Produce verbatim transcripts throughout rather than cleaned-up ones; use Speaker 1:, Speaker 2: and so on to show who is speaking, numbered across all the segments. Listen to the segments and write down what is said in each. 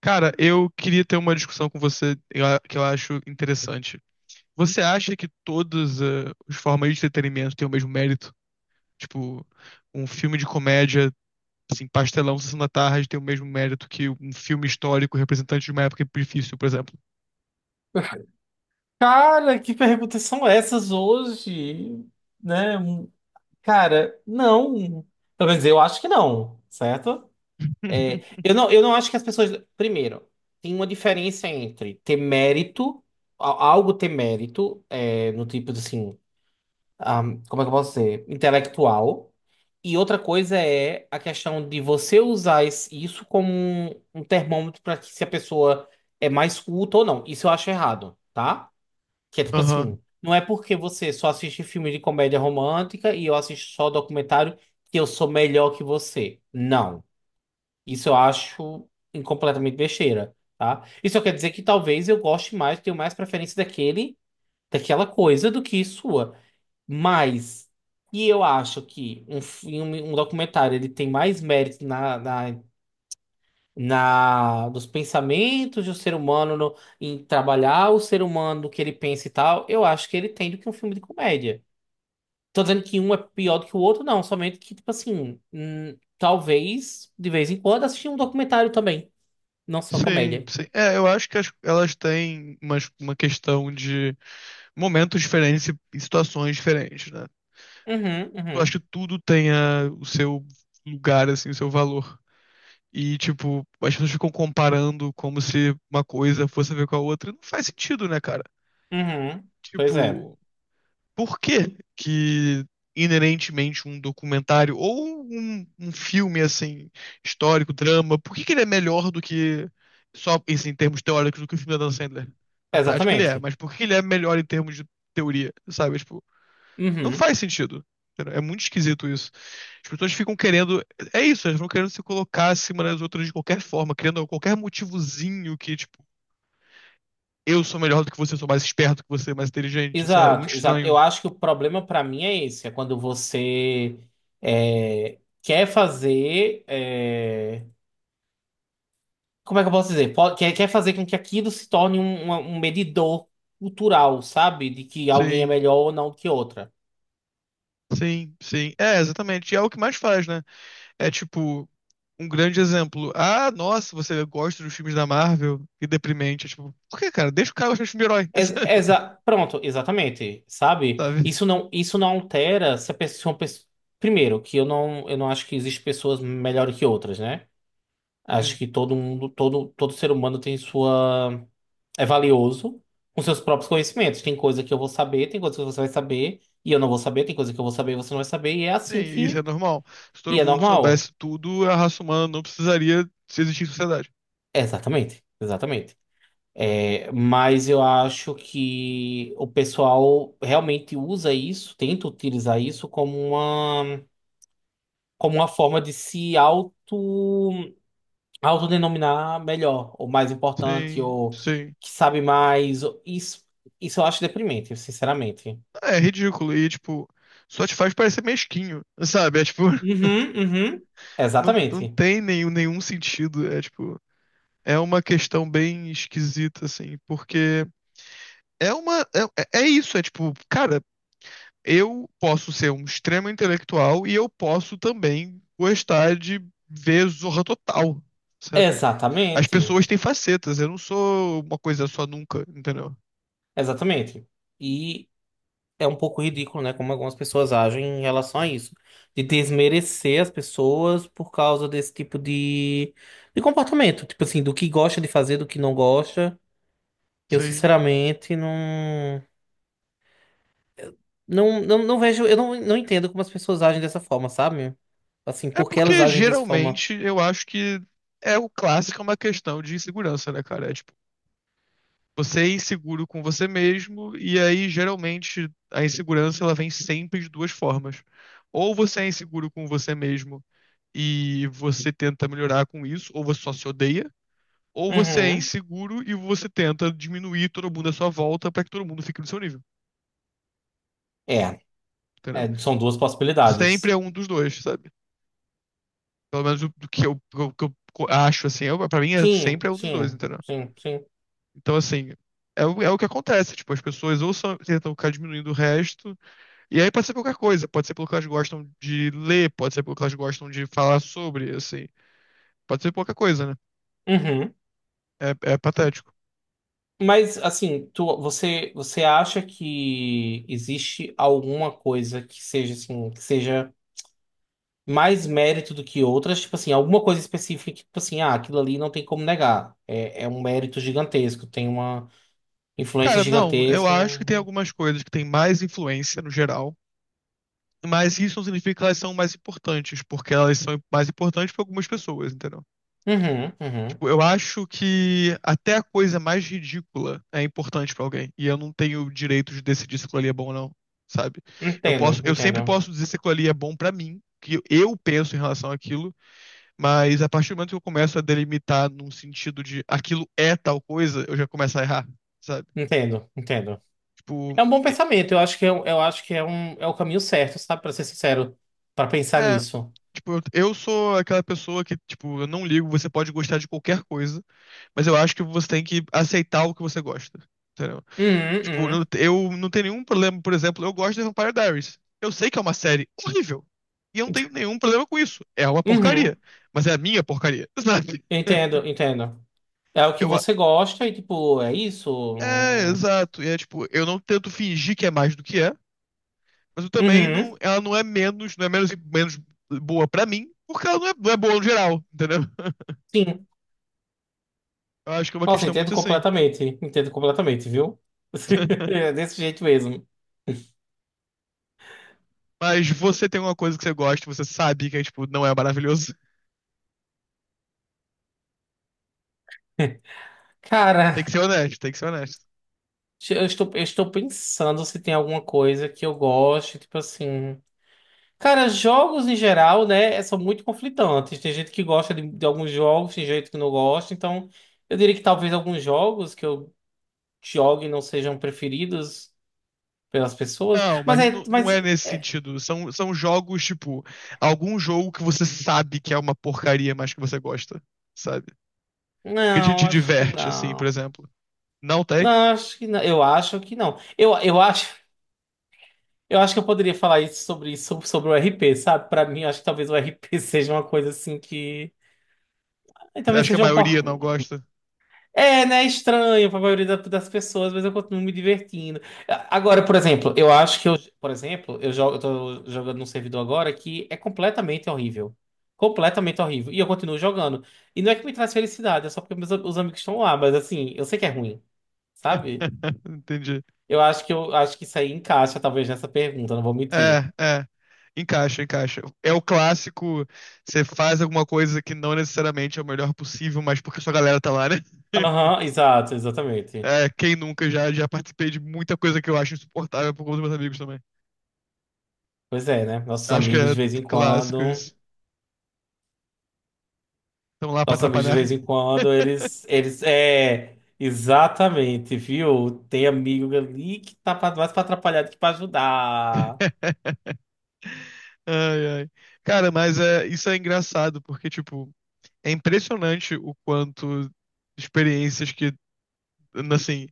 Speaker 1: Cara, eu queria ter uma discussão com você eu a- que eu acho interessante. Você acha que todas eh, as formas de entretenimento têm o mesmo mérito? Tipo, um filme de comédia, assim, pastelão, Sessão da Tarde, tem o mesmo mérito que um filme histórico representante de uma época difícil, por exemplo?
Speaker 2: Cara, que perguntas são essas hoje? Né? Um- Cara, não. Pelo menos eu acho que não, certo? É, eu não, eu não acho que as pessoas. Primeiro, tem uma diferença entre ter mérito, a- algo ter mérito, é, no tipo de assim, ahm, como é que eu posso dizer? Intelectual. E outra coisa é a questão de você usar es- isso como um, um termômetro para que se a pessoa é mais culta ou não. Isso eu acho errado, tá? Que é tipo
Speaker 1: Aham.
Speaker 2: assim, não é porque você só assiste filme de comédia romântica e eu assisto só documentário que eu sou melhor que você. Não. Isso eu acho em- completamente besteira, tá? Isso quer dizer que talvez eu goste mais, tenho mais preferência daquele, daquela coisa do que sua. Mas, e eu acho que um filme, um documentário, ele tem mais mérito na, na na dos pensamentos do ser humano no- em trabalhar o ser humano, do que ele pensa e tal, eu acho que ele tem do que um filme de comédia. Tô dizendo que um é pior do que o outro, não, somente que, tipo assim, hum, talvez de vez em quando assistir um documentário também, não só
Speaker 1: Sim,
Speaker 2: comédia.
Speaker 1: sim. É, eu acho que as- elas têm umas- uma questão de momentos diferentes e situações diferentes, né?
Speaker 2: Uhum,
Speaker 1: Eu
Speaker 2: uhum,
Speaker 1: acho que tudo tenha o seu lugar, assim, o seu valor. E, tipo, as pessoas ficam comparando como se uma coisa fosse a ver com a outra. Não faz sentido, né, cara?
Speaker 2: uhum. Pois é,
Speaker 1: Tipo, por que que inerentemente um documentário ou um, um filme, assim, histórico, drama, por que que ele é melhor do que, só isso em termos teóricos, do que o filme da Dan Sandler? Na prática ele é,
Speaker 2: exatamente.
Speaker 1: mas por que ele é melhor em termos de teoria, sabe? Tipo, não
Speaker 2: Uhum.
Speaker 1: faz sentido, entendeu? É muito esquisito isso. As pessoas ficam querendo. É isso, elas vão querendo se colocar acima das outras de qualquer forma, criando qualquer motivozinho que, tipo, eu sou melhor do que você, sou mais esperto que você, mais inteligente. Isso é muito
Speaker 2: Exato, exato. Eu
Speaker 1: estranho.
Speaker 2: acho que o problema pra mim é esse, é quando você é, quer fazer. É, Como é que eu posso dizer? Po- quer, quer fazer com que aquilo se torne um, uma- um medidor cultural, sabe? De que alguém é
Speaker 1: Sim,
Speaker 2: melhor ou não do que outra.
Speaker 1: sim, sim. É, exatamente. E é o que mais faz, né? É tipo. Um grande exemplo. Ah, nossa, você gosta dos filmes da Marvel? Que deprimente. É, tipo, por que, cara? Deixa o cara gostar de filme de herói.
Speaker 2: Ex- exa- pronto, exatamente, sabe?
Speaker 1: Sabe?
Speaker 2: Isso não, isso não altera se a pessoa, pessoa- primeiro, que eu não, eu não acho que existem pessoas melhores que outras, né? Acho
Speaker 1: Sim.
Speaker 2: que todo mundo, todo, todo ser humano tem sua... É valioso com seus próprios conhecimentos. Tem coisa que eu vou saber, tem coisa que você vai saber, e eu não vou saber, tem coisa que eu vou saber e você não vai saber, e é
Speaker 1: Sim,
Speaker 2: assim
Speaker 1: isso
Speaker 2: que...
Speaker 1: é normal. Se todo
Speaker 2: E é
Speaker 1: mundo
Speaker 2: normal.
Speaker 1: soubesse tudo, a raça humana não precisaria se existir em sociedade.
Speaker 2: Exatamente, exatamente. É, mas eu acho que o pessoal realmente usa isso, tenta utilizar isso como uma, como uma forma de se auto, autodenominar melhor, ou mais importante,
Speaker 1: Sim,
Speaker 2: ou
Speaker 1: sim.
Speaker 2: que sabe mais. ou- Isso, isso eu acho deprimente, sinceramente.
Speaker 1: É ridículo. E, tipo, só te faz parecer mesquinho, sabe? É, tipo,
Speaker 2: Uhum, uhum.
Speaker 1: não, não
Speaker 2: Exatamente.
Speaker 1: tem nenhum, nenhum sentido. É, tipo, é uma questão bem esquisita, assim, porque é uma. É, é é isso, é tipo, cara, eu posso ser um extremo intelectual e eu posso também gostar de ver Zorra Total, sabe? As
Speaker 2: Exatamente.
Speaker 1: pessoas têm facetas, eu não sou uma coisa só nunca, entendeu?
Speaker 2: Exatamente. E é um pouco ridículo, né? Como algumas pessoas agem em relação a isso. De
Speaker 1: Sim,
Speaker 2: desmerecer as pessoas por causa desse tipo de, de comportamento. Tipo assim, do que gosta de fazer, do que não gosta. Eu,
Speaker 1: sim.
Speaker 2: sinceramente, não. Não, não, não vejo. Eu não, não entendo como as pessoas agem dessa forma, sabe? Assim,
Speaker 1: É
Speaker 2: por que elas
Speaker 1: porque
Speaker 2: agem dessa forma?
Speaker 1: geralmente eu acho que é o clássico, é uma questão de insegurança, né, cara? É tipo, você é inseguro com você mesmo, e aí geralmente a insegurança ela vem sempre de duas formas. Ou você é inseguro com você mesmo e você tenta melhorar com isso, ou você só se odeia, ou você é
Speaker 2: Uhum.
Speaker 1: inseguro e você tenta diminuir todo mundo à sua volta pra que todo mundo fique no seu nível,
Speaker 2: É,
Speaker 1: entendeu?
Speaker 2: é, são duas
Speaker 1: Sempre
Speaker 2: possibilidades.
Speaker 1: é um dos dois, sabe? Pelo menos o, do que eu, o que eu acho, assim, eu, pra mim é
Speaker 2: Sim,
Speaker 1: sempre é um dos dois,
Speaker 2: sim,
Speaker 1: entendeu?
Speaker 2: sim, sim.
Speaker 1: Então, assim, é, o- é o que acontece. Tipo, as pessoas ou são, tentam ficar diminuindo o resto, e aí pode ser qualquer coisa. Pode ser pelo que elas gostam de ler, pode ser pelo que elas gostam de falar sobre, assim. Pode ser qualquer coisa, né?
Speaker 2: Uhum.
Speaker 1: É, é patético.
Speaker 2: Mas assim, tu, você você acha que existe alguma coisa que seja assim, que seja mais mérito do que outras? Tipo assim, alguma coisa específica que, tipo assim, ah, aquilo ali não tem como negar. É, é um mérito gigantesco, tem uma influência
Speaker 1: Cara, não, eu
Speaker 2: gigantesca. um,
Speaker 1: acho que tem
Speaker 2: um,
Speaker 1: algumas coisas que têm mais influência no geral, mas isso não significa que elas são mais importantes, porque elas são mais importantes para algumas pessoas, entendeu?
Speaker 2: Uhum, uhum.
Speaker 1: Tipo, eu acho que até a coisa mais ridícula é importante pra alguém. E eu não tenho o direito de decidir se aquilo ali é bom ou não, sabe? Eu
Speaker 2: Entendo,
Speaker 1: posso, eu sempre
Speaker 2: entendo.
Speaker 1: posso dizer se aquilo ali é bom pra mim, que eu penso em relação àquilo, mas a partir do momento que eu começo a delimitar num sentido de aquilo é tal coisa, eu já começo a errar, sabe?
Speaker 2: Entendo, entendo.
Speaker 1: Tipo,
Speaker 2: É um bom pensamento. Eu acho que é, um- eu acho que é um é o caminho certo, sabe? Pra ser sincero, pra pensar
Speaker 1: é,
Speaker 2: nisso.
Speaker 1: tipo, eu eu sou aquela pessoa que, tipo, eu não ligo, você pode gostar de qualquer coisa, mas eu acho que você tem que aceitar o que você gosta, entendeu?
Speaker 2: Uhum,
Speaker 1: Tipo, não-
Speaker 2: uhum.
Speaker 1: eu não tenho nenhum problema, por exemplo, eu gosto de Vampire Diaries. Eu sei que é uma série horrível. E eu não tenho nenhum problema com isso. É uma
Speaker 2: Uhum.
Speaker 1: porcaria. Mas é a minha porcaria, sabe?
Speaker 2: Entendo, entendo. É o que
Speaker 1: Eu, a-
Speaker 2: você gosta e, tipo, é isso?
Speaker 1: é,
Speaker 2: Hum.
Speaker 1: exato. E é tipo, eu não tento fingir que é mais do que é, mas eu também não,
Speaker 2: Uhum,
Speaker 1: ela não é menos, não é menos, menos boa pra mim, porque ela não é, não é boa no geral, entendeu?
Speaker 2: sim.
Speaker 1: Eu acho que é uma
Speaker 2: Nossa,
Speaker 1: questão
Speaker 2: entendo
Speaker 1: muito assim.
Speaker 2: completamente. Entendo completamente, viu? É desse jeito mesmo.
Speaker 1: Mas você tem uma coisa que você gosta, você sabe que é, tipo, não é maravilhoso. Tem que
Speaker 2: Cara,
Speaker 1: ser honesto, tem que ser honesto.
Speaker 2: eu estou, eu estou pensando se tem alguma coisa que eu goste, tipo assim. Cara, jogos em geral, né, é, são muito conflitantes. Tem gente que gosta de, de alguns jogos, tem gente que não gosta. Então, eu diria que talvez alguns jogos que eu jogue não sejam preferidos pelas pessoas.
Speaker 1: Não,
Speaker 2: Mas
Speaker 1: mas
Speaker 2: é,
Speaker 1: nu- não
Speaker 2: mas
Speaker 1: é nesse
Speaker 2: é,
Speaker 1: sentido. São, são jogos, tipo, algum jogo que você sabe que é uma porcaria, mas que você gosta, sabe? Que te,
Speaker 2: não,
Speaker 1: te
Speaker 2: acho que
Speaker 1: diverte, assim, por
Speaker 2: não.
Speaker 1: exemplo. Não tem?
Speaker 2: Não, acho que não. Eu acho que não. Eu, eu acho, eu acho que eu poderia falar isso sobre isso, sobre, sobre o R P, sabe? Pra mim, eu acho que talvez o R P seja uma coisa assim que. eh, Talvez
Speaker 1: Acho que a
Speaker 2: seja um
Speaker 1: maioria
Speaker 2: porco.
Speaker 1: não gosta.
Speaker 2: É, né? Estranho pra maioria da- das pessoas, mas eu continuo me divertindo. A- Agora, por exemplo, eu acho que eu. Por exemplo, eu jogo, eu tô jogando num servidor agora que é completamente horrível. Completamente horrível. E eu continuo jogando. E não é que me traz felicidade, é só porque meus, os amigos estão lá, mas assim, eu sei que é ruim, sabe?
Speaker 1: Entendi.
Speaker 2: Eu acho que eu acho que isso aí encaixa, talvez, nessa pergunta, não vou mentir.
Speaker 1: É, é. Encaixa, encaixa. É o clássico, você faz alguma coisa que não necessariamente é o melhor possível, mas porque sua galera tá lá, né?
Speaker 2: Aham, exato, exatamente.
Speaker 1: É, quem nunca já, já participei de muita coisa que eu acho insuportável por conta dos meus amigos também.
Speaker 2: Pois é, né? Nossos
Speaker 1: Acho que
Speaker 2: amigos
Speaker 1: é
Speaker 2: de vez em
Speaker 1: clássico
Speaker 2: quando.
Speaker 1: isso. Estão lá pra
Speaker 2: Nossos amigos de
Speaker 1: atrapalhar.
Speaker 2: vez em quando, eles. Eles. É. Exatamente, viu? Tem amigo ali que tá pra- mais pra atrapalhar do que pra ajudar.
Speaker 1: Ai, ai. Cara, mas é, isso é engraçado, porque, tipo, é impressionante o quanto experiências que, assim,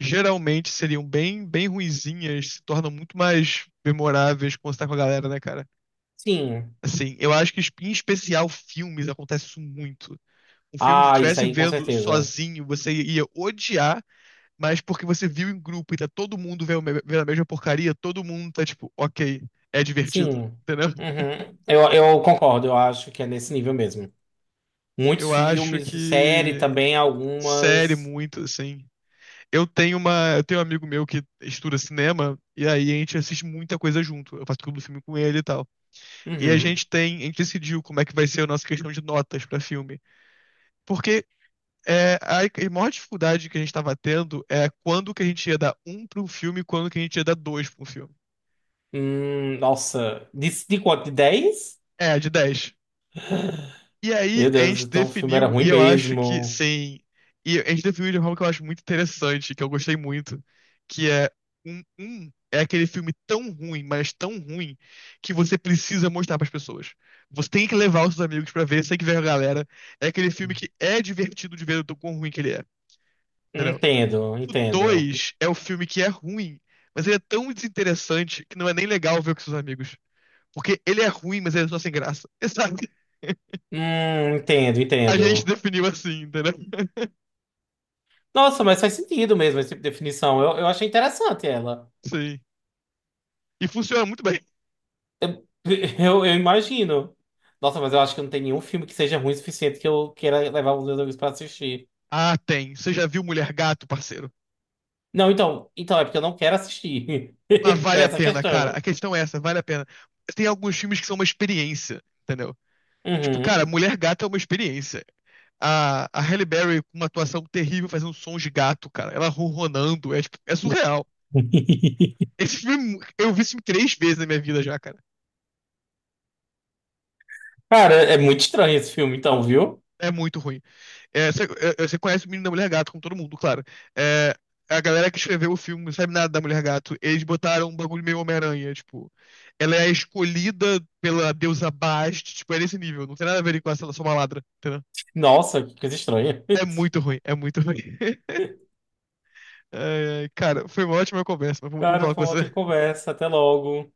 Speaker 1: geralmente seriam bem, bem ruinzinhas se tornam muito mais memoráveis quando você tá com a galera, né, cara?
Speaker 2: Sim.
Speaker 1: Assim, eu acho que, em especial, filmes acontece isso muito. Um filme que você
Speaker 2: Ah, isso
Speaker 1: estivesse
Speaker 2: aí, com
Speaker 1: vendo
Speaker 2: certeza.
Speaker 1: sozinho, você ia odiar, mas porque você viu em grupo e tá todo mundo vendo vendo a mesma porcaria, todo mundo tá tipo, ok, é divertido,
Speaker 2: Sim.
Speaker 1: entendeu?
Speaker 2: Uhum. Eu, eu concordo, eu acho que é nesse nível mesmo. Muitos
Speaker 1: Eu acho
Speaker 2: filmes, série
Speaker 1: que
Speaker 2: também,
Speaker 1: série
Speaker 2: algumas.
Speaker 1: muito, assim. Eu tenho uma, eu tenho um amigo meu que estuda cinema e aí a gente assiste muita coisa junto. Eu faço clube do filme com ele e tal. E a
Speaker 2: Uhum.
Speaker 1: gente tem, a gente decidiu como é que vai ser a nossa questão de notas pra filme, porque é, a a maior dificuldade que a gente tava tendo é quando que a gente ia dar um pra um filme e quando que a gente ia dar dois pra um filme.
Speaker 2: Hum, nossa, de, de quanto? De dez?
Speaker 1: É, de dez. E aí
Speaker 2: Meu
Speaker 1: a
Speaker 2: Deus,
Speaker 1: gente
Speaker 2: então o filme era
Speaker 1: definiu,
Speaker 2: ruim
Speaker 1: e eu acho que
Speaker 2: mesmo.
Speaker 1: sim. E a gente definiu de uma forma que eu acho muito interessante, que eu gostei muito, que é um, um é aquele filme tão ruim, mas tão ruim, que você precisa mostrar pras pessoas. Você tem que levar os seus amigos pra ver, você tem que ver a galera. É aquele filme que é divertido de ver o quão ruim que ele é, entendeu?
Speaker 2: Entendo,
Speaker 1: O
Speaker 2: entendo.
Speaker 1: dois é o filme que é ruim, mas ele é tão desinteressante que não é nem legal ver com seus amigos. Porque ele é ruim, mas ele é só sem graça. Sabe?
Speaker 2: Hum, entendo,
Speaker 1: A gente
Speaker 2: entendo.
Speaker 1: definiu assim, entendeu?
Speaker 2: Nossa, mas faz sentido mesmo esse tipo de definição. Eu, eu achei interessante ela.
Speaker 1: Sim. E funciona muito bem.
Speaker 2: Eu, eu imagino. Nossa, mas eu acho que não tem nenhum filme que seja ruim o suficiente que eu queira levar os meus amigos pra assistir.
Speaker 1: Ah, tem. Você já viu Mulher Gato, parceiro?
Speaker 2: Não, então, então é porque eu não quero assistir.
Speaker 1: Mas vale a
Speaker 2: Essa é a
Speaker 1: pena, cara.
Speaker 2: questão.
Speaker 1: A questão é essa, vale a pena. Tem alguns filmes que são uma experiência, entendeu? Tipo, cara,
Speaker 2: Uhum.
Speaker 1: Mulher Gato é uma experiência. A, a Halle Berry com uma atuação terrível fazendo sons de gato, cara. Ela ronronando, é, tipo, é surreal. Esse filme, eu vi esse filme três vezes na minha vida já, cara.
Speaker 2: Cara, é muito estranho esse filme, então, viu?
Speaker 1: É muito ruim. É, você, é, você conhece o menino da Mulher Gato, como todo mundo, claro. É, a galera que escreveu o filme não sabe nada da Mulher Gato. Eles botaram um bagulho meio Homem-Aranha, tipo. Ela é escolhida pela deusa Bast, tipo, é nesse nível. Não tem nada a ver com ela ser só uma ladra, entendeu?
Speaker 2: Nossa, que coisa estranha.
Speaker 1: É muito ruim, é muito ruim. Ai, ai, cara, foi uma ótima conversa, mas foi muito bom
Speaker 2: Cara,
Speaker 1: falar
Speaker 2: foi
Speaker 1: com
Speaker 2: uma
Speaker 1: você.
Speaker 2: outra conversa. Até logo.